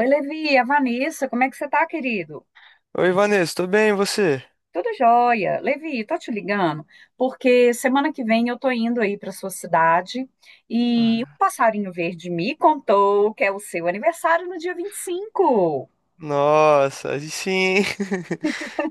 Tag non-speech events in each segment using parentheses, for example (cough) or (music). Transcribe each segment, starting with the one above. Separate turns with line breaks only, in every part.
Oi, Levi, a Vanessa, como é que você tá, querido?
Oi, Vanessa, tô bem, e você?
Tudo jóia. Levi, tô te ligando porque semana que vem eu tô indo aí pra sua cidade e o
Ah,
passarinho verde me contou que é o seu aniversário no dia 25.
Nossa, aí sim. (laughs)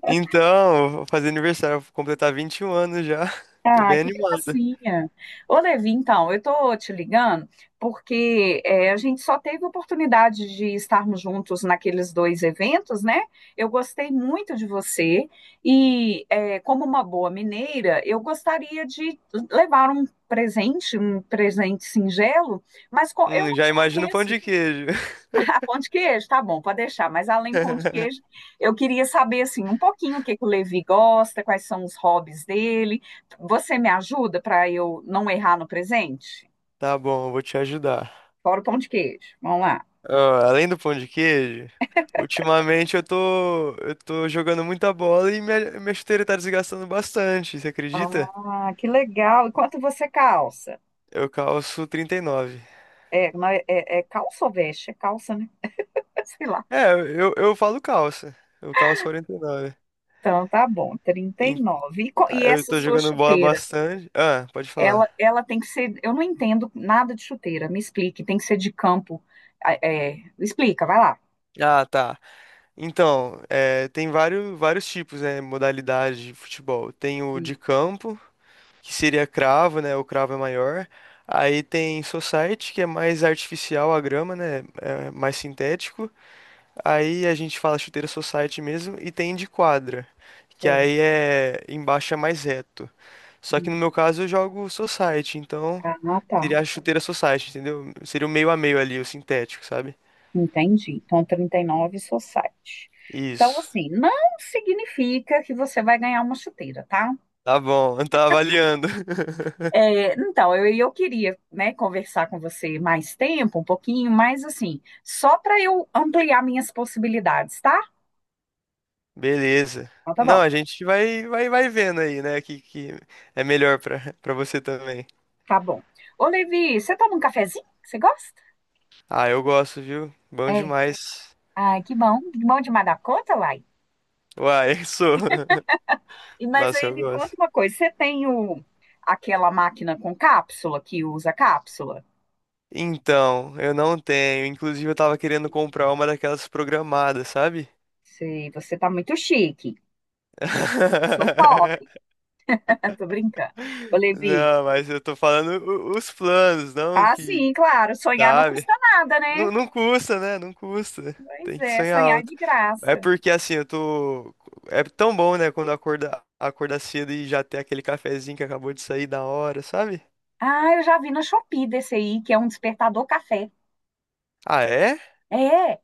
Então, vou fazer aniversário, vou completar 21 anos já. (laughs) Tô
Ah,
bem
que
animada.
gracinha. Ô, Levi, então, eu tô te ligando porque a gente só teve oportunidade de estarmos juntos naqueles dois eventos, né? Eu gostei muito de você e, como uma boa mineira, eu gostaria de levar um presente singelo, mas eu não
Já
te
imagino o pão
conheço.
de queijo.
Pão de queijo, tá bom, pode deixar. Mas além do pão de queijo,
(laughs)
eu queria saber assim um pouquinho o que que o Levi gosta, quais são os hobbies dele. Você me ajuda para eu não errar no presente?
Tá bom, eu vou te ajudar.
Fora o pão de queijo. Vamos lá.
Ó, além do pão de queijo, ultimamente eu tô jogando muita bola e minha chuteira tá desgastando bastante, você acredita?
Ah, que legal. E quanto você calça?
Eu calço 39.
É, não é, é calça ou veste? É calça, né? (laughs) Sei lá.
É, eu falo calça. Eu calço 49.
Então tá bom, 39. E, nove. E,
Ah,
e
eu
essa
tô
sua
jogando bola
chuteira?
bastante. Ah, pode
Ela,
falar.
ela tem que ser. Eu não entendo nada de chuteira. Me explique. Tem que ser de campo. Ah, é, explica, vai lá.
Ah, tá. Então, é, tem vários tipos, né, modalidade de futebol. Tem o de campo, que seria cravo, né? O cravo é maior. Aí tem society, que é mais artificial a grama, né? É mais sintético. Aí a gente fala chuteira society mesmo. E tem de quadra, que
Certo.
aí é embaixo é mais reto. Só que no
Hum.
meu caso eu jogo society, então
Ah, tá.
seria a chuteira society, entendeu? Seria o meio a meio ali, o sintético, sabe?
Entendi. Então, 39 society. Então,
Isso.
assim, não significa que você vai ganhar uma chuteira, tá?
Tá bom, tá avaliando.
É, então, eu queria, né, conversar com você mais tempo, um pouquinho, mas assim, só para eu ampliar minhas possibilidades, tá?
(laughs) Beleza.
Então, tá
Não,
bom.
a gente vai vendo aí, né? Que é melhor pra, (laughs) pra você também.
Tá bom. Ô, Levi, você toma um cafezinho? Você gosta?
Ah, eu gosto, viu? Bom
É.
demais.
Ai, que bom. Que bom demais da conta, Lai.
Uai, (laughs) sou.
E, mas
Nossa,
aí
eu
me conta
gosto.
uma coisa, você tem aquela máquina com cápsula, que usa cápsula?
Então, eu não tenho. Inclusive, eu tava querendo comprar uma daquelas programadas, sabe?
Sei, você tá muito chique. Eu sou pobre.
(laughs)
(laughs) Eu tô brincando. Ô, Levi.
Não, mas eu tô falando os planos, não
Ah,
que,
sim, claro. Sonhar não
sabe?
custa nada, né?
Não, não custa, né? Não custa.
Pois
Tem que
é,
sonhar
sonhar é
alto.
de
É
graça.
porque assim, eu tô. É tão bom, né, quando acorda, acorda cedo e já tem aquele cafezinho que acabou de sair da hora, sabe?
Ah, eu já vi no Shopee desse aí, que é um despertador café.
Ah, é?
É,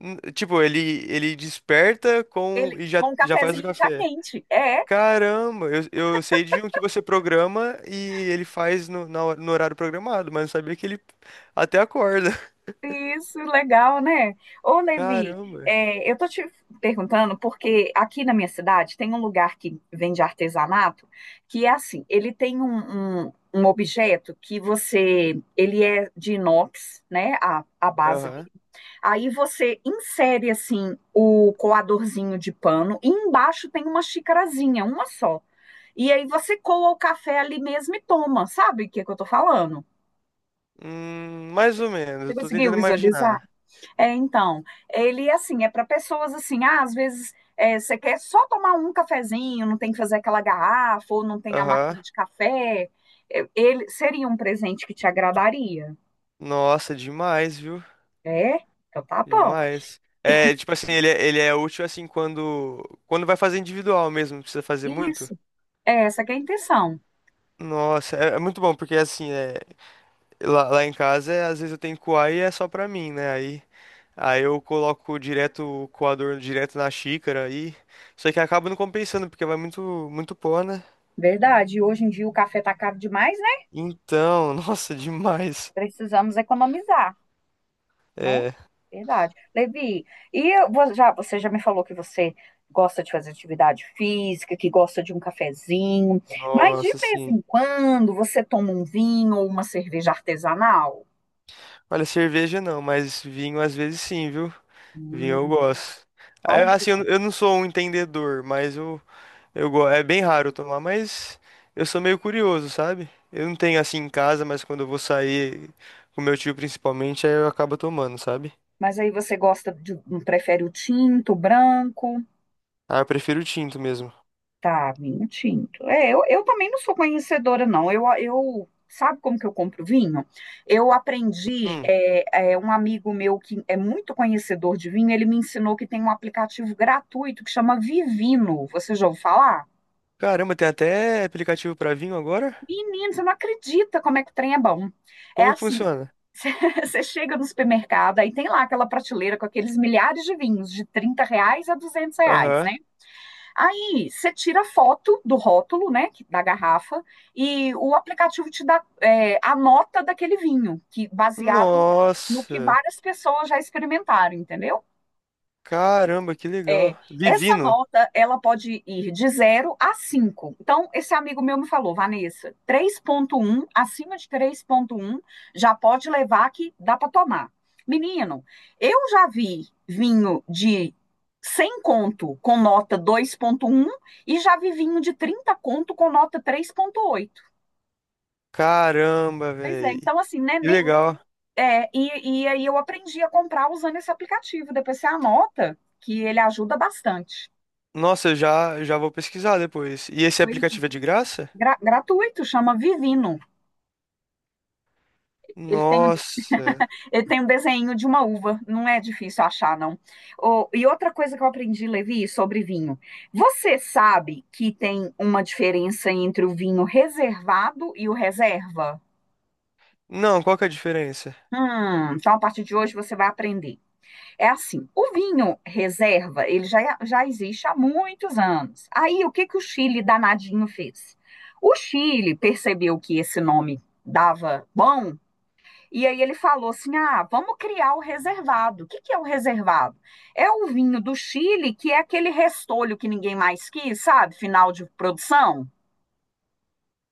Tipo, ele desperta com
ele
e já,
com um
já faz o
cafezinho já
café.
quente. É.
Caramba, eu sei de um que você programa e ele faz no horário programado, mas não sabia que ele até acorda. (laughs)
Isso, legal, né? Ô, Levi,
Caramba.
eu tô te perguntando porque aqui na minha cidade tem um lugar que vende artesanato que é assim, ele tem um objeto que você, ele é de inox, né? A base
Aham.
dele. Aí você insere assim o coadorzinho de pano e embaixo tem uma xicarazinha, uma só. E aí você coa o café ali mesmo e toma, sabe o que é que eu tô falando?
Mais ou menos,
Você
eu tô
conseguiu
tentando
visualizar?
imaginar.
É, então, ele assim, é para pessoas assim, ah, às vezes você quer só tomar um cafezinho, não tem que fazer aquela garrafa, ou não tem a
Aham.
máquina de café. Ele seria um presente que te agradaria.
Nossa, demais, viu?
É? Então tá bom.
Demais. É, tipo assim, ele, ele é útil assim quando vai fazer individual mesmo, não precisa fazer muito.
Isso. É essa que é a intenção.
Nossa, é, é muito bom, porque assim, é, lá em casa, é, às vezes eu tenho que coar e é só pra mim, né? Aí eu coloco direto o coador direto na xícara aí. Só que acaba não compensando, porque vai muito, muito pó, né?
Verdade. E hoje em dia o café tá caro demais, né?
Então, (laughs) nossa, demais.
Precisamos economizar, né?
É,
Verdade. Levi, e eu já, você já me falou que você gosta de fazer atividade física, que gosta de um cafezinho, mas de
nossa,
vez
sim.
em quando você toma um vinho ou uma cerveja artesanal?
Olha, cerveja não, mas vinho às vezes sim, viu? Vinho eu
Hum,
gosto. É,
qual
assim, eu
deles?
eu não sou um entendedor, mas eu gosto. É bem raro eu tomar, mas eu sou meio curioso, sabe? Eu não tenho assim em casa, mas quando eu vou sair com meu tio principalmente, aí eu acabo tomando, sabe?
Mas aí você gosta de, prefere o tinto, o branco?
Ah, eu prefiro tinto mesmo.
Tá, vinho. É, eu também não sou conhecedora, não. Sabe como que eu compro vinho? Eu aprendi,
Hum.
um amigo meu que é muito conhecedor de vinho, ele me ensinou que tem um aplicativo gratuito que chama Vivino. Você já ouviu falar?
Caramba, tem até aplicativo pra vinho agora?
Menino, você não acredita como é que o trem é bom. É
Como que
assim,
funciona?
(laughs) você chega no supermercado, aí tem lá aquela prateleira com aqueles milhares de vinhos, de 30 reais a 200 reais,
Aham.
né? Aí você tira a foto do rótulo, né, da garrafa, e o aplicativo te dá a nota daquele vinho, que baseado no que
Nossa.
várias pessoas já experimentaram, entendeu?
Caramba, que
É,
legal.
essa
Vivino.
nota, ela pode ir de 0 a 5. Então, esse amigo meu me falou, Vanessa, 3,1 acima de 3,1 já pode levar que dá para tomar. Menino, eu já vi vinho de 100 conto com nota 2,1 e já vi vinho de 30 conto com nota 3,8.
Caramba,
Pois é,
velho.
então assim, né,
Que
nem...
legal.
É, e aí eu aprendi a comprar usando esse aplicativo, depois você anota, que ele ajuda bastante.
Nossa, eu já vou pesquisar depois. E esse
Pois
aplicativo é de graça?
gratuito, chama Vivino. Ele tem,
Nossa.
ele tem um desenho de uma uva, não é difícil achar, não. Ô, e outra coisa que eu aprendi, Levi, sobre vinho. Você sabe que tem uma diferença entre o vinho reservado e o reserva?
Não, qual que é a diferença?
Então a partir de hoje você vai aprender. É assim, o vinho reserva, ele já existe há muitos anos. Aí, o que que o Chile danadinho fez? O Chile percebeu que esse nome dava bom. E aí ele falou assim: ah, vamos criar o reservado. O que, que é o reservado? É o vinho do Chile, que é aquele restolho que ninguém mais quis, sabe? Final de produção.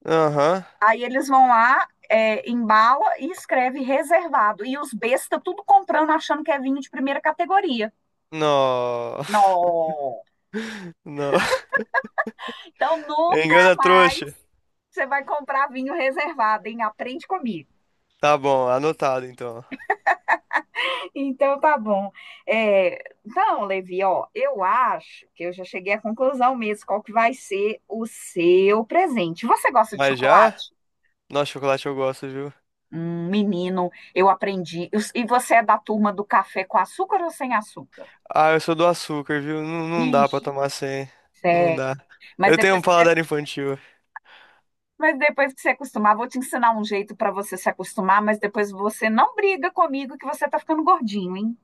Aham.
Aí eles vão lá, é, embala e escreve reservado. E os besta tudo comprando, achando que é vinho de primeira categoria.
Não.
Não!
(laughs) Não.
Então nunca
Engana
mais
trouxa.
você vai comprar vinho reservado, hein? Aprende comigo.
Tá bom, anotado então.
Então tá bom. É, então, Levi, ó, eu acho que eu já cheguei à conclusão mesmo, qual que vai ser o seu presente. Você gosta de
Mas já?
chocolate?
Nossa, chocolate eu gosto, viu?
Menino, eu aprendi. E você é da turma do café com açúcar ou sem açúcar?
Ah, eu sou do açúcar, viu? Não, não dá pra
Vixe.
tomar sem. Não
É,
dá.
mas
Eu tenho um
depois que
paladar infantil.
você acostumar, vou te ensinar um jeito para você se acostumar, mas depois você não briga comigo que você tá ficando gordinho, hein?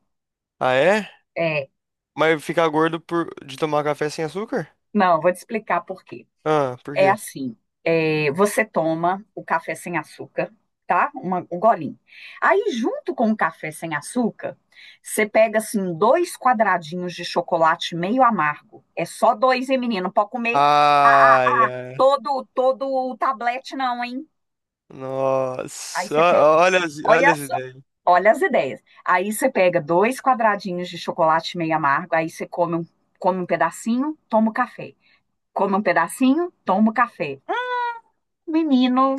Ah, é?
É,
Mas ficar gordo por de tomar café sem açúcar?
não, vou te explicar por quê.
Ah, por
É
quê?
assim, é, você toma o café sem açúcar, tá? Um golinho. Aí, junto com o café sem açúcar, você pega, assim, dois quadradinhos de chocolate meio amargo. É só dois, hein, menino? Não pode comer
Ai,
ah,
ai.
todo, todo o tablete, não, hein? Aí
Nossa,
você pega,
olha
olha
as
só,
ideias.
olha as ideias. Aí você pega dois quadradinhos de chocolate meio amargo, aí você come um, pedacinho, toma o café. Come um pedacinho, toma o café. Menino,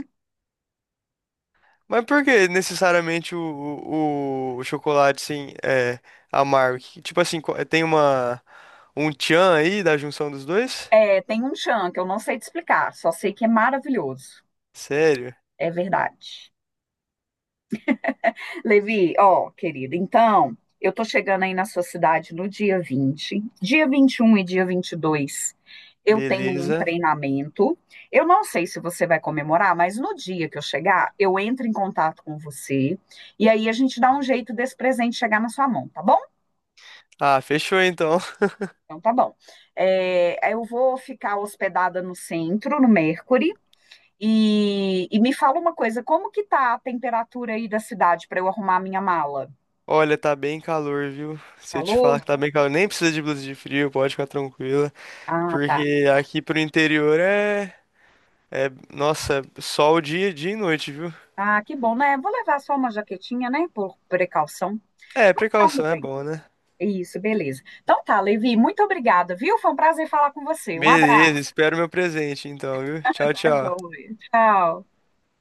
Mas por que necessariamente o chocolate, assim, é amargo? Tipo assim, tem uma, um tchan aí da junção dos dois?
é, tem um chão que eu não sei te explicar, só sei que é maravilhoso.
Sério?
É verdade. Levi, ó, querido, então, eu tô chegando aí na sua cidade no dia 20, dia 21 e dia 22. Eu tenho um
Beleza.
treinamento. Eu não sei se você vai comemorar, mas no dia que eu chegar, eu entro em contato com você e aí a gente dá um jeito desse presente chegar na sua mão, tá bom?
Ah, fechou então. (laughs)
Então tá bom. É, eu vou ficar hospedada no centro, no Mercury. E me fala uma coisa, como que tá a temperatura aí da cidade para eu arrumar minha mala?
Olha, tá bem calor, viu? Se eu te
Calor?
falar que tá bem calor, nem precisa de blusa de frio, pode ficar tranquila.
Ah, tá.
Porque aqui pro interior é, é, nossa, sol dia, dia e noite, viu?
Ah, que bom, né? Vou levar só uma jaquetinha, né? Por precaução.
É,
Então tá, meu
precaução é
bem.
bom, né?
Isso, beleza. Então tá, Levi, muito obrigada, viu? Foi um prazer falar com você. Um
Beleza,
abraço.
espero meu presente então, viu? Tchau,
Tá,
tchau.
joia. Tchau.